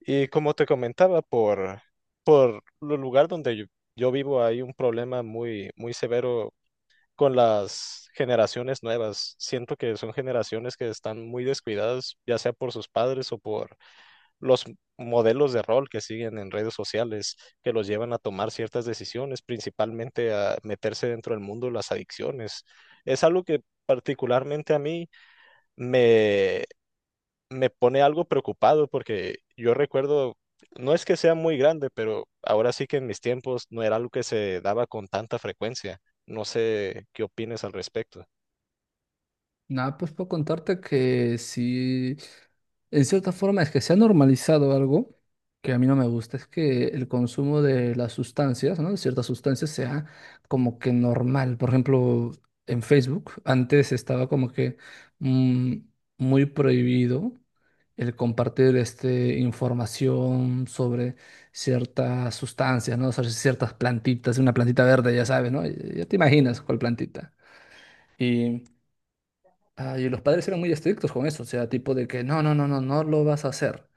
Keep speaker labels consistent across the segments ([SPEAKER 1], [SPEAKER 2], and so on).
[SPEAKER 1] Y como te comentaba, por el lugar donde yo vivo hay un problema muy severo con las generaciones nuevas. Siento que son generaciones que están muy descuidadas, ya sea por sus padres o por los modelos de rol que siguen en redes sociales, que los llevan a tomar ciertas decisiones, principalmente a meterse dentro del mundo de las adicciones. Es algo que particularmente a mí me me pone algo preocupado porque yo recuerdo, no es que sea muy grande, pero ahora sí que en mis tiempos no era algo que se daba con tanta frecuencia. No sé qué opines al respecto.
[SPEAKER 2] Nada, pues puedo contarte que sí, en cierta forma es que se ha normalizado algo que a mí no me gusta, es que el consumo de las sustancias, ¿no? De ciertas sustancias sea como que normal. Por ejemplo, en Facebook antes estaba como que mm, muy prohibido el compartir información sobre ciertas sustancias, ¿no? O sea, ciertas plantitas, una plantita verde, ya sabes, ¿no? Ya te imaginas cuál plantita. y y los padres eran muy estrictos con eso, o sea, tipo de que no lo vas a hacer.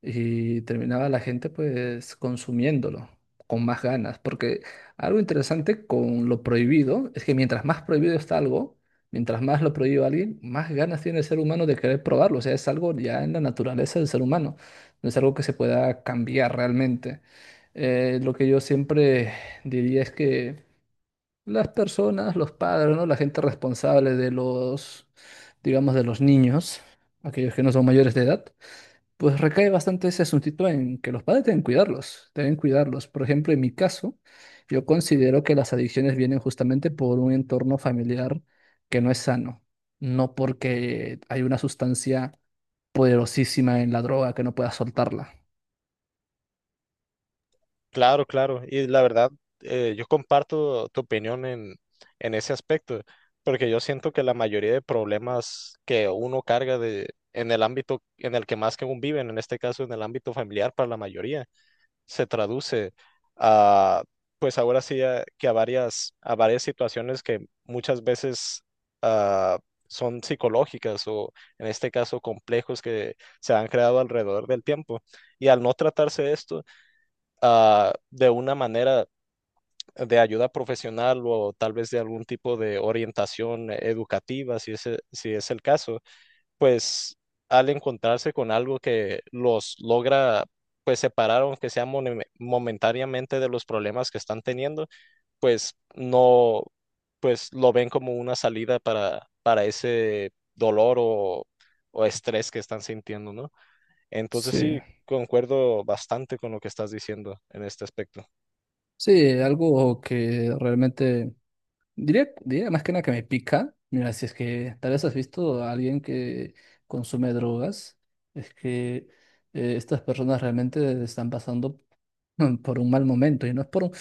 [SPEAKER 2] Y terminaba la gente pues consumiéndolo con más ganas, porque algo interesante con lo prohibido es que mientras más prohibido está algo, mientras más lo prohíbe alguien, más ganas tiene el ser humano de querer probarlo, o sea, es algo ya en la naturaleza del ser humano, no es algo que se pueda cambiar realmente. Lo que yo siempre diría es que las personas, los padres, ¿no? La gente responsable de los, digamos, de los niños, aquellos que no son mayores de edad, pues recae bastante ese asuntito en que los padres deben cuidarlos, deben cuidarlos. Por ejemplo, en mi caso, yo considero que las adicciones vienen justamente por un entorno familiar que no es sano, no porque hay una sustancia poderosísima en la droga que no pueda soltarla.
[SPEAKER 1] Claro, claro. Y la verdad, yo comparto tu opinión en ese aspecto, porque yo siento que la mayoría de problemas que uno carga de, en el ámbito en el que más que aún viven, en este caso en el ámbito familiar para la mayoría, se traduce a, pues ahora sí, que a varias situaciones que muchas veces ah, son psicológicas o en este caso complejos que se han creado alrededor del tiempo. Y al no tratarse esto de una manera de ayuda profesional o tal vez de algún tipo de orientación educativa, si es el caso pues al encontrarse con algo que los logra pues separar, aunque sea momentáneamente de los problemas que están teniendo, pues no, pues lo ven como una salida para ese dolor o estrés que están sintiendo, ¿no? Entonces
[SPEAKER 2] Sí.
[SPEAKER 1] sí, concuerdo bastante con lo que estás diciendo en este aspecto.
[SPEAKER 2] Sí, algo que realmente diría más que nada que me pica. Mira, si es que tal vez has visto a alguien que consume drogas, es que estas personas realmente están pasando por un mal momento y no es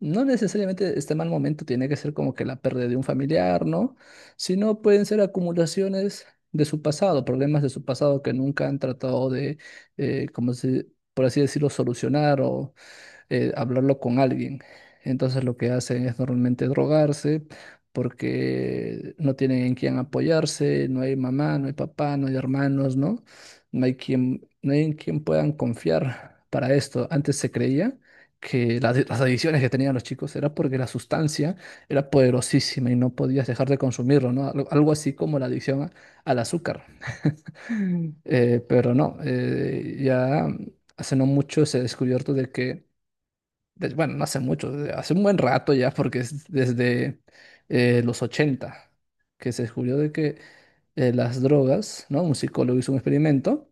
[SPEAKER 2] no necesariamente este mal momento tiene que ser como que la pérdida de un familiar, ¿no? Sino pueden ser acumulaciones de su pasado, problemas de su pasado que nunca han tratado de, eh, como se- por así decirlo, solucionar o hablarlo con alguien. Entonces lo que hacen es normalmente drogarse porque no tienen en quién apoyarse, no hay mamá, no hay papá, no hay hermanos, ¿no? No hay en quien puedan confiar para esto. Antes se creía que las adicciones que tenían los chicos era porque la sustancia era poderosísima y no podías dejar de consumirlo, ¿no? Algo así como la al azúcar. Mm. Ya hace no mucho se ha descubierto de que bueno, no hace mucho, hace un buen rato ya, porque es desde los 80 que se descubrió de que las drogas, ¿no? Un psicólogo hizo un experimento,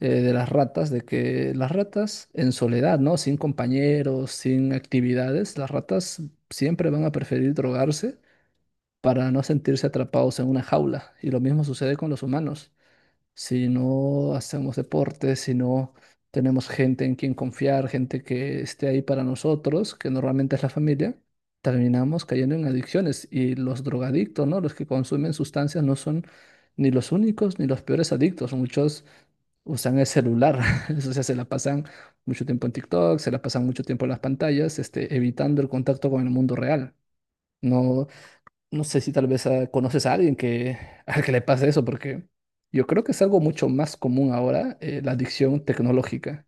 [SPEAKER 2] de las ratas, de que las ratas en soledad, ¿no? Sin compañeros, sin actividades, las ratas siempre van a preferir drogarse para no sentirse atrapados en una jaula. Y lo mismo sucede con los humanos si no hacemos deporte, si no tenemos gente en quien confiar, gente que esté ahí para nosotros, que normalmente es la familia, terminamos cayendo en adicciones. Y los drogadictos, ¿no? Los que consumen sustancias no son ni los únicos ni los peores adictos. Muchos usan el celular, o sea, se la pasan mucho tiempo en TikTok, se la pasan mucho tiempo en las pantallas, evitando el contacto con el mundo real. No, no sé si tal vez conoces a alguien que, al que le pase eso, porque yo creo que es algo mucho más común ahora, la adicción tecnológica.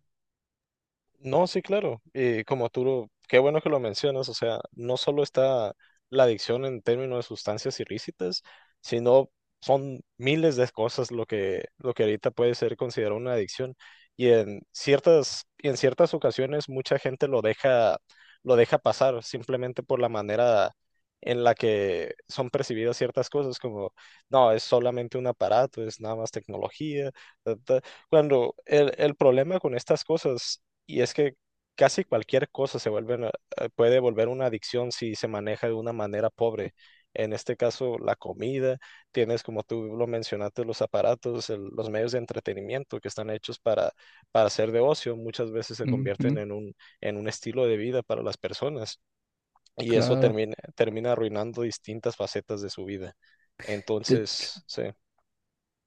[SPEAKER 1] No, sí, claro. Y como tú, qué bueno que lo mencionas, o sea, no solo está la adicción en términos de sustancias ilícitas, sino son miles de cosas lo lo que ahorita puede ser considerado una adicción. Y en ciertas ocasiones mucha gente lo deja pasar simplemente por la manera en la que son percibidas ciertas cosas, como, no, es solamente un aparato, es nada más tecnología, ta, ta". Cuando el problema con estas cosas y es que casi cualquier cosa se vuelve, puede volver una adicción si se maneja de una manera pobre. En este caso, la comida, tienes como tú lo mencionaste, los aparatos, los medios de entretenimiento que están hechos para ser de ocio, muchas veces se convierten
[SPEAKER 2] Ujú,
[SPEAKER 1] en en un estilo de vida para las personas y eso
[SPEAKER 2] claro.
[SPEAKER 1] termina, termina arruinando distintas facetas de su vida.
[SPEAKER 2] De-
[SPEAKER 1] Entonces, sí.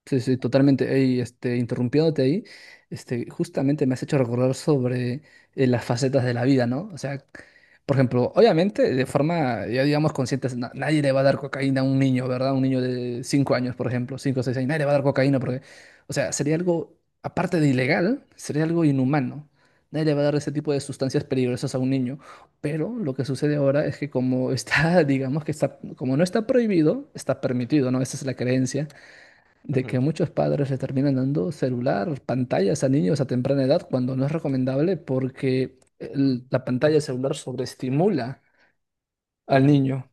[SPEAKER 2] Sí, sí, totalmente. Ey, interrumpiéndote ahí, justamente me has hecho recordar sobre las facetas de la vida, ¿no? O sea, por ejemplo, obviamente, de forma, ya digamos, consciente, nadie le va a dar cocaína a un niño, ¿verdad? Un niño de 5 años, por ejemplo, 5 o 6 años, nadie le va a dar cocaína porque, o sea, sería algo, aparte de ilegal, sería algo inhumano. Nadie le va a dar ese tipo de sustancias peligrosas a un niño. Pero lo que sucede ahora es que como está, digamos que está, como no está prohibido, está permitido, ¿no? Esa es la creencia de
[SPEAKER 1] Ujú,
[SPEAKER 2] que muchos padres le terminan dando celular, pantallas a niños a temprana edad cuando no es recomendable porque la pantalla celular sobreestimula al
[SPEAKER 1] ujú.
[SPEAKER 2] niño.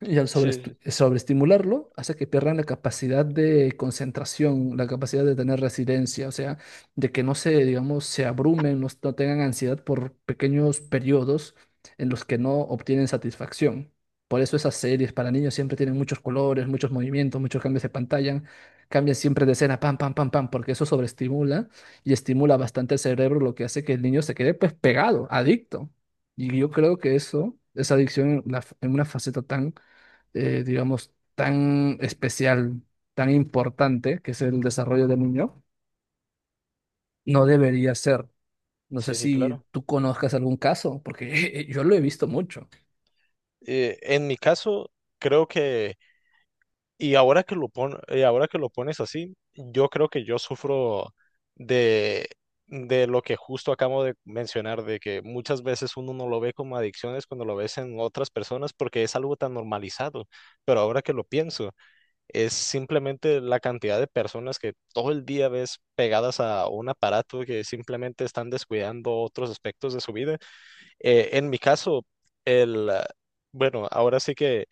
[SPEAKER 2] Y al
[SPEAKER 1] Sí, sí,
[SPEAKER 2] sobreestimularlo hace que pierdan la capacidad de concentración, la capacidad de tener residencia, o sea, de que no se, digamos, se abrumen, no tengan ansiedad por pequeños periodos en los que no obtienen satisfacción. Por eso esas series para niños siempre tienen muchos colores, muchos movimientos, muchos cambios de pantalla, cambian siempre de escena, pam, pam, pam, pam, porque eso sobreestimula y estimula bastante el cerebro, lo que hace que el niño se quede pues pegado, adicto. Y yo creo que eso, esa adicción en una faceta tan digamos, tan especial, tan importante, que es el desarrollo del niño, no debería ser. No sé
[SPEAKER 1] sí, sí,
[SPEAKER 2] si
[SPEAKER 1] claro.
[SPEAKER 2] tú conozcas algún caso, porque yo lo he visto mucho.
[SPEAKER 1] En mi caso, creo que y ahora que lo pones así, yo creo que yo sufro de, de lo que justo acabo de mencionar, de que muchas veces uno no lo ve como adicciones cuando lo ves en otras personas porque es algo tan normalizado. Pero ahora que lo pienso, es simplemente la cantidad de personas que todo el día ves pegadas a un aparato que simplemente están descuidando otros aspectos de su vida. En mi caso, el, ah, bueno, ahora sí que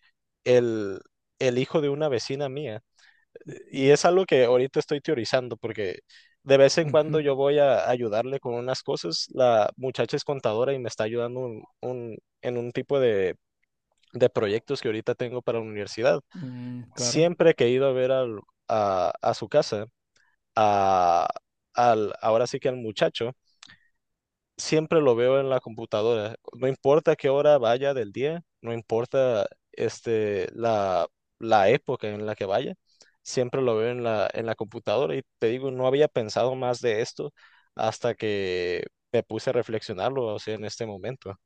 [SPEAKER 1] el, el hijo de una vecina mía, y
[SPEAKER 2] Mm,
[SPEAKER 1] es algo que ahorita estoy teorizando porque de vez en
[SPEAKER 2] ujú.
[SPEAKER 1] cuando yo voy a ayudarle con unas cosas, la muchacha es contadora y me está ayudando en un tipo de proyectos que ahorita tengo para la universidad.
[SPEAKER 2] Mm, claro.
[SPEAKER 1] Siempre que he ido a ver a su casa, a, al, ahora sí que al muchacho, siempre lo veo en la computadora. No importa qué hora vaya del día, no importa este, la época en la que vaya, siempre lo veo en en la computadora. Y te digo, no había pensado más de esto hasta que me puse a reflexionarlo, o sea, en este momento.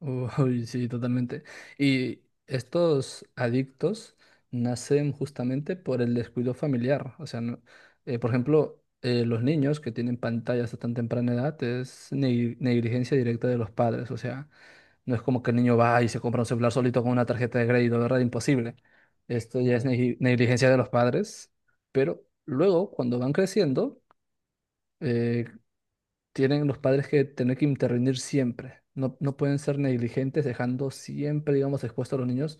[SPEAKER 2] Uy, sí, totalmente. Y estos adictos nacen justamente por el descuido familiar. O sea, por ejemplo, los niños que tienen pantallas a tan temprana edad es negligencia directa de los padres. O sea, no es como que el niño va y se compra un celular solito con una tarjeta de crédito, ¿verdad? Imposible. Esto ya es
[SPEAKER 1] Ujú,
[SPEAKER 2] negligencia de los padres. Pero luego, cuando van creciendo, eh, tienen los padres que tener que intervenir siempre. No, no pueden ser negligentes dejando siempre, digamos, expuestos a los niños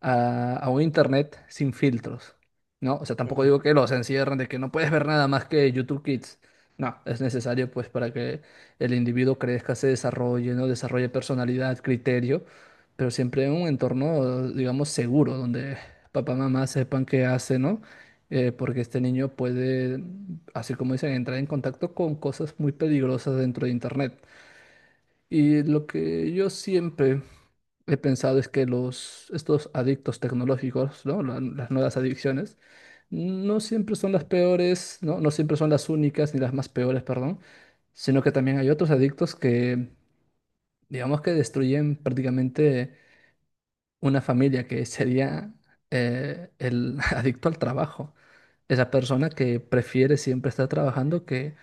[SPEAKER 2] a un internet sin filtros, ¿no? O sea, tampoco
[SPEAKER 1] ujú.
[SPEAKER 2] digo que los encierren de que no puedes ver nada más que YouTube Kids. No, es necesario pues para que el individuo crezca, se desarrolle, ¿no? Desarrolle personalidad, criterio, pero siempre en un entorno, digamos, seguro, donde papá, mamá sepan qué hace, ¿no? Porque este niño puede, así como dicen, entrar en contacto con cosas muy peligrosas dentro de Internet. Y lo que yo siempre he pensado es que estos adictos tecnológicos, ¿no? Las nuevas adicciones, no siempre son las peores, ¿no? No siempre son las únicas ni las más peores, perdón, sino que también hay otros adictos que, digamos que destruyen prácticamente una familia que sería el adicto al trabajo, esa persona que prefiere siempre estar trabajando que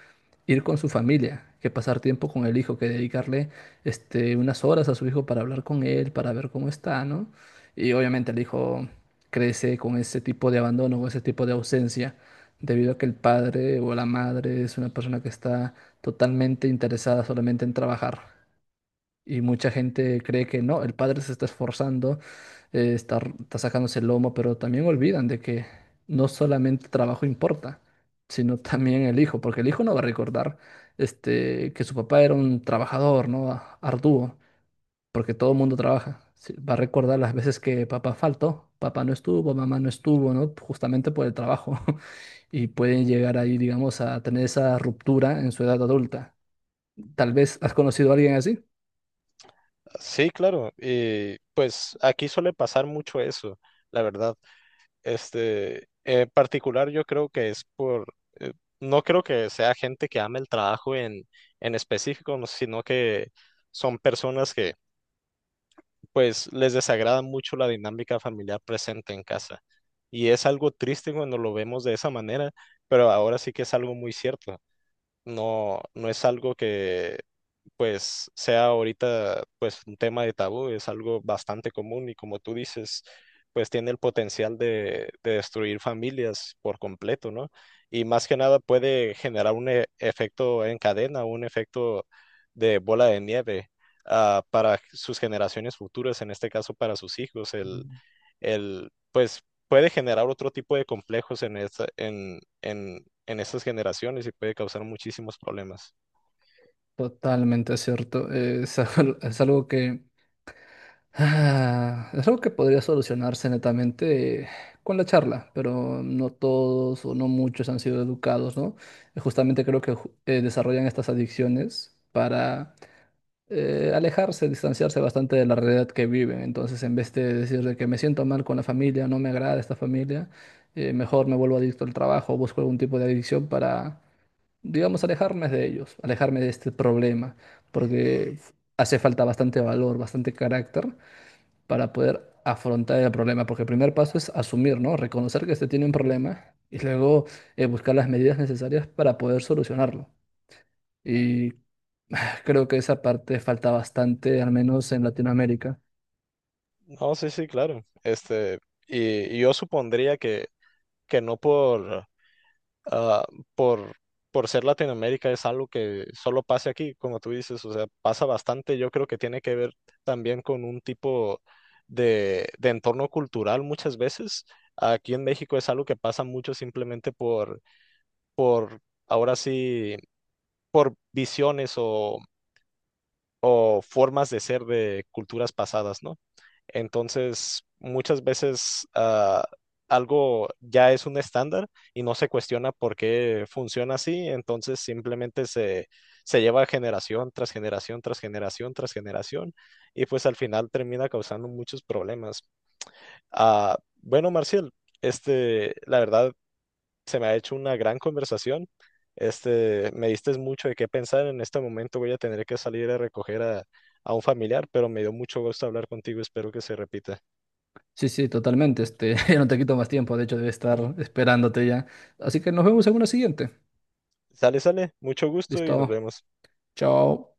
[SPEAKER 2] ir con su familia, que pasar tiempo con el hijo, que dedicarle unas horas a su hijo para hablar con él, para ver cómo está, ¿no? Y obviamente el hijo crece con ese tipo de abandono, con ese tipo de ausencia, debido a que el padre o la madre es una persona que está totalmente interesada solamente en trabajar. Y mucha gente cree que no, el padre se está esforzando, está sacándose el lomo, pero también olvidan de que no solamente el trabajo importa, sino también el hijo, porque el hijo no va a recordar que su papá era un trabajador, ¿no? Arduo, porque todo el mundo trabaja. Sí, va a recordar las veces que papá faltó, papá no estuvo, mamá no estuvo, ¿no? Justamente por el trabajo. Y pueden llegar ahí, digamos, a tener esa ruptura en su edad adulta. Tal vez has conocido a alguien así.
[SPEAKER 1] Sí, claro. Y pues aquí suele pasar mucho eso, la verdad. Este, en particular yo creo que es eh, no creo que sea gente que ame el trabajo en específico, no, sino que son personas que pues les desagrada mucho la dinámica familiar presente en casa. Y es algo triste cuando lo vemos de esa manera, pero ahora sí que es algo muy cierto. No, no es algo que pues sea ahorita pues un tema de tabú, es algo bastante común y como tú dices, pues tiene el potencial de destruir familias por completo, ¿no? Y más que nada puede generar un efecto en cadena, un efecto de bola de nieve. Para sus generaciones futuras, en este caso para sus hijos, pues puede generar otro tipo de complejos en en estas generaciones y puede causar muchísimos problemas.
[SPEAKER 2] Totalmente cierto. Es algo que es algo que podría solucionarse netamente con la charla, pero no todos o no muchos han sido educados, ¿no? Justamente creo que desarrollan estas adicciones para alejarse, distanciarse bastante de la realidad que viven. Entonces, en vez de decir de que me siento mal con la familia, no me agrada esta familia, mejor me vuelvo adicto al trabajo, busco algún tipo de adicción para digamos, alejarme de ellos, alejarme de este problema, porque hace falta bastante valor, bastante carácter para poder afrontar el problema, porque el primer paso es asumir, ¿no? Reconocer que se tiene un problema y luego buscar las medidas necesarias para poder solucionarlo. Y creo que esa parte falta bastante, al menos en Latinoamérica.
[SPEAKER 1] No, sí, sí, claro. Este, y, y yo supondría que no ah, por, por ser Latinoamérica es algo que solo pase aquí, como tú dices, o sea, pasa bastante. Yo creo que tiene que ver también con un tipo de entorno cultural muchas veces. Aquí en México es algo que pasa mucho simplemente por ahora sí, por visiones o formas de ser de culturas pasadas, ¿no? Entonces, muchas veces algo ya es un estándar y no se cuestiona por qué funciona así, entonces simplemente se lleva generación tras generación tras generación tras generación y pues al final termina causando muchos problemas. Ah, bueno, Marcial, este, la verdad se me ha hecho una gran conversación. Este, me diste mucho de qué pensar. En este momento voy a tener que salir a recoger a un familiar, pero me dio mucho gusto hablar contigo. Espero que se repita.
[SPEAKER 2] Sí, sí, totalmente. Este, ya no te quito más tiempo, de hecho, debe estar
[SPEAKER 1] Ujú.
[SPEAKER 2] esperándote ya. Así que nos vemos en una siguiente.
[SPEAKER 1] Sale, sale. Mucho gusto y nos
[SPEAKER 2] Listo.
[SPEAKER 1] vemos.
[SPEAKER 2] Chao.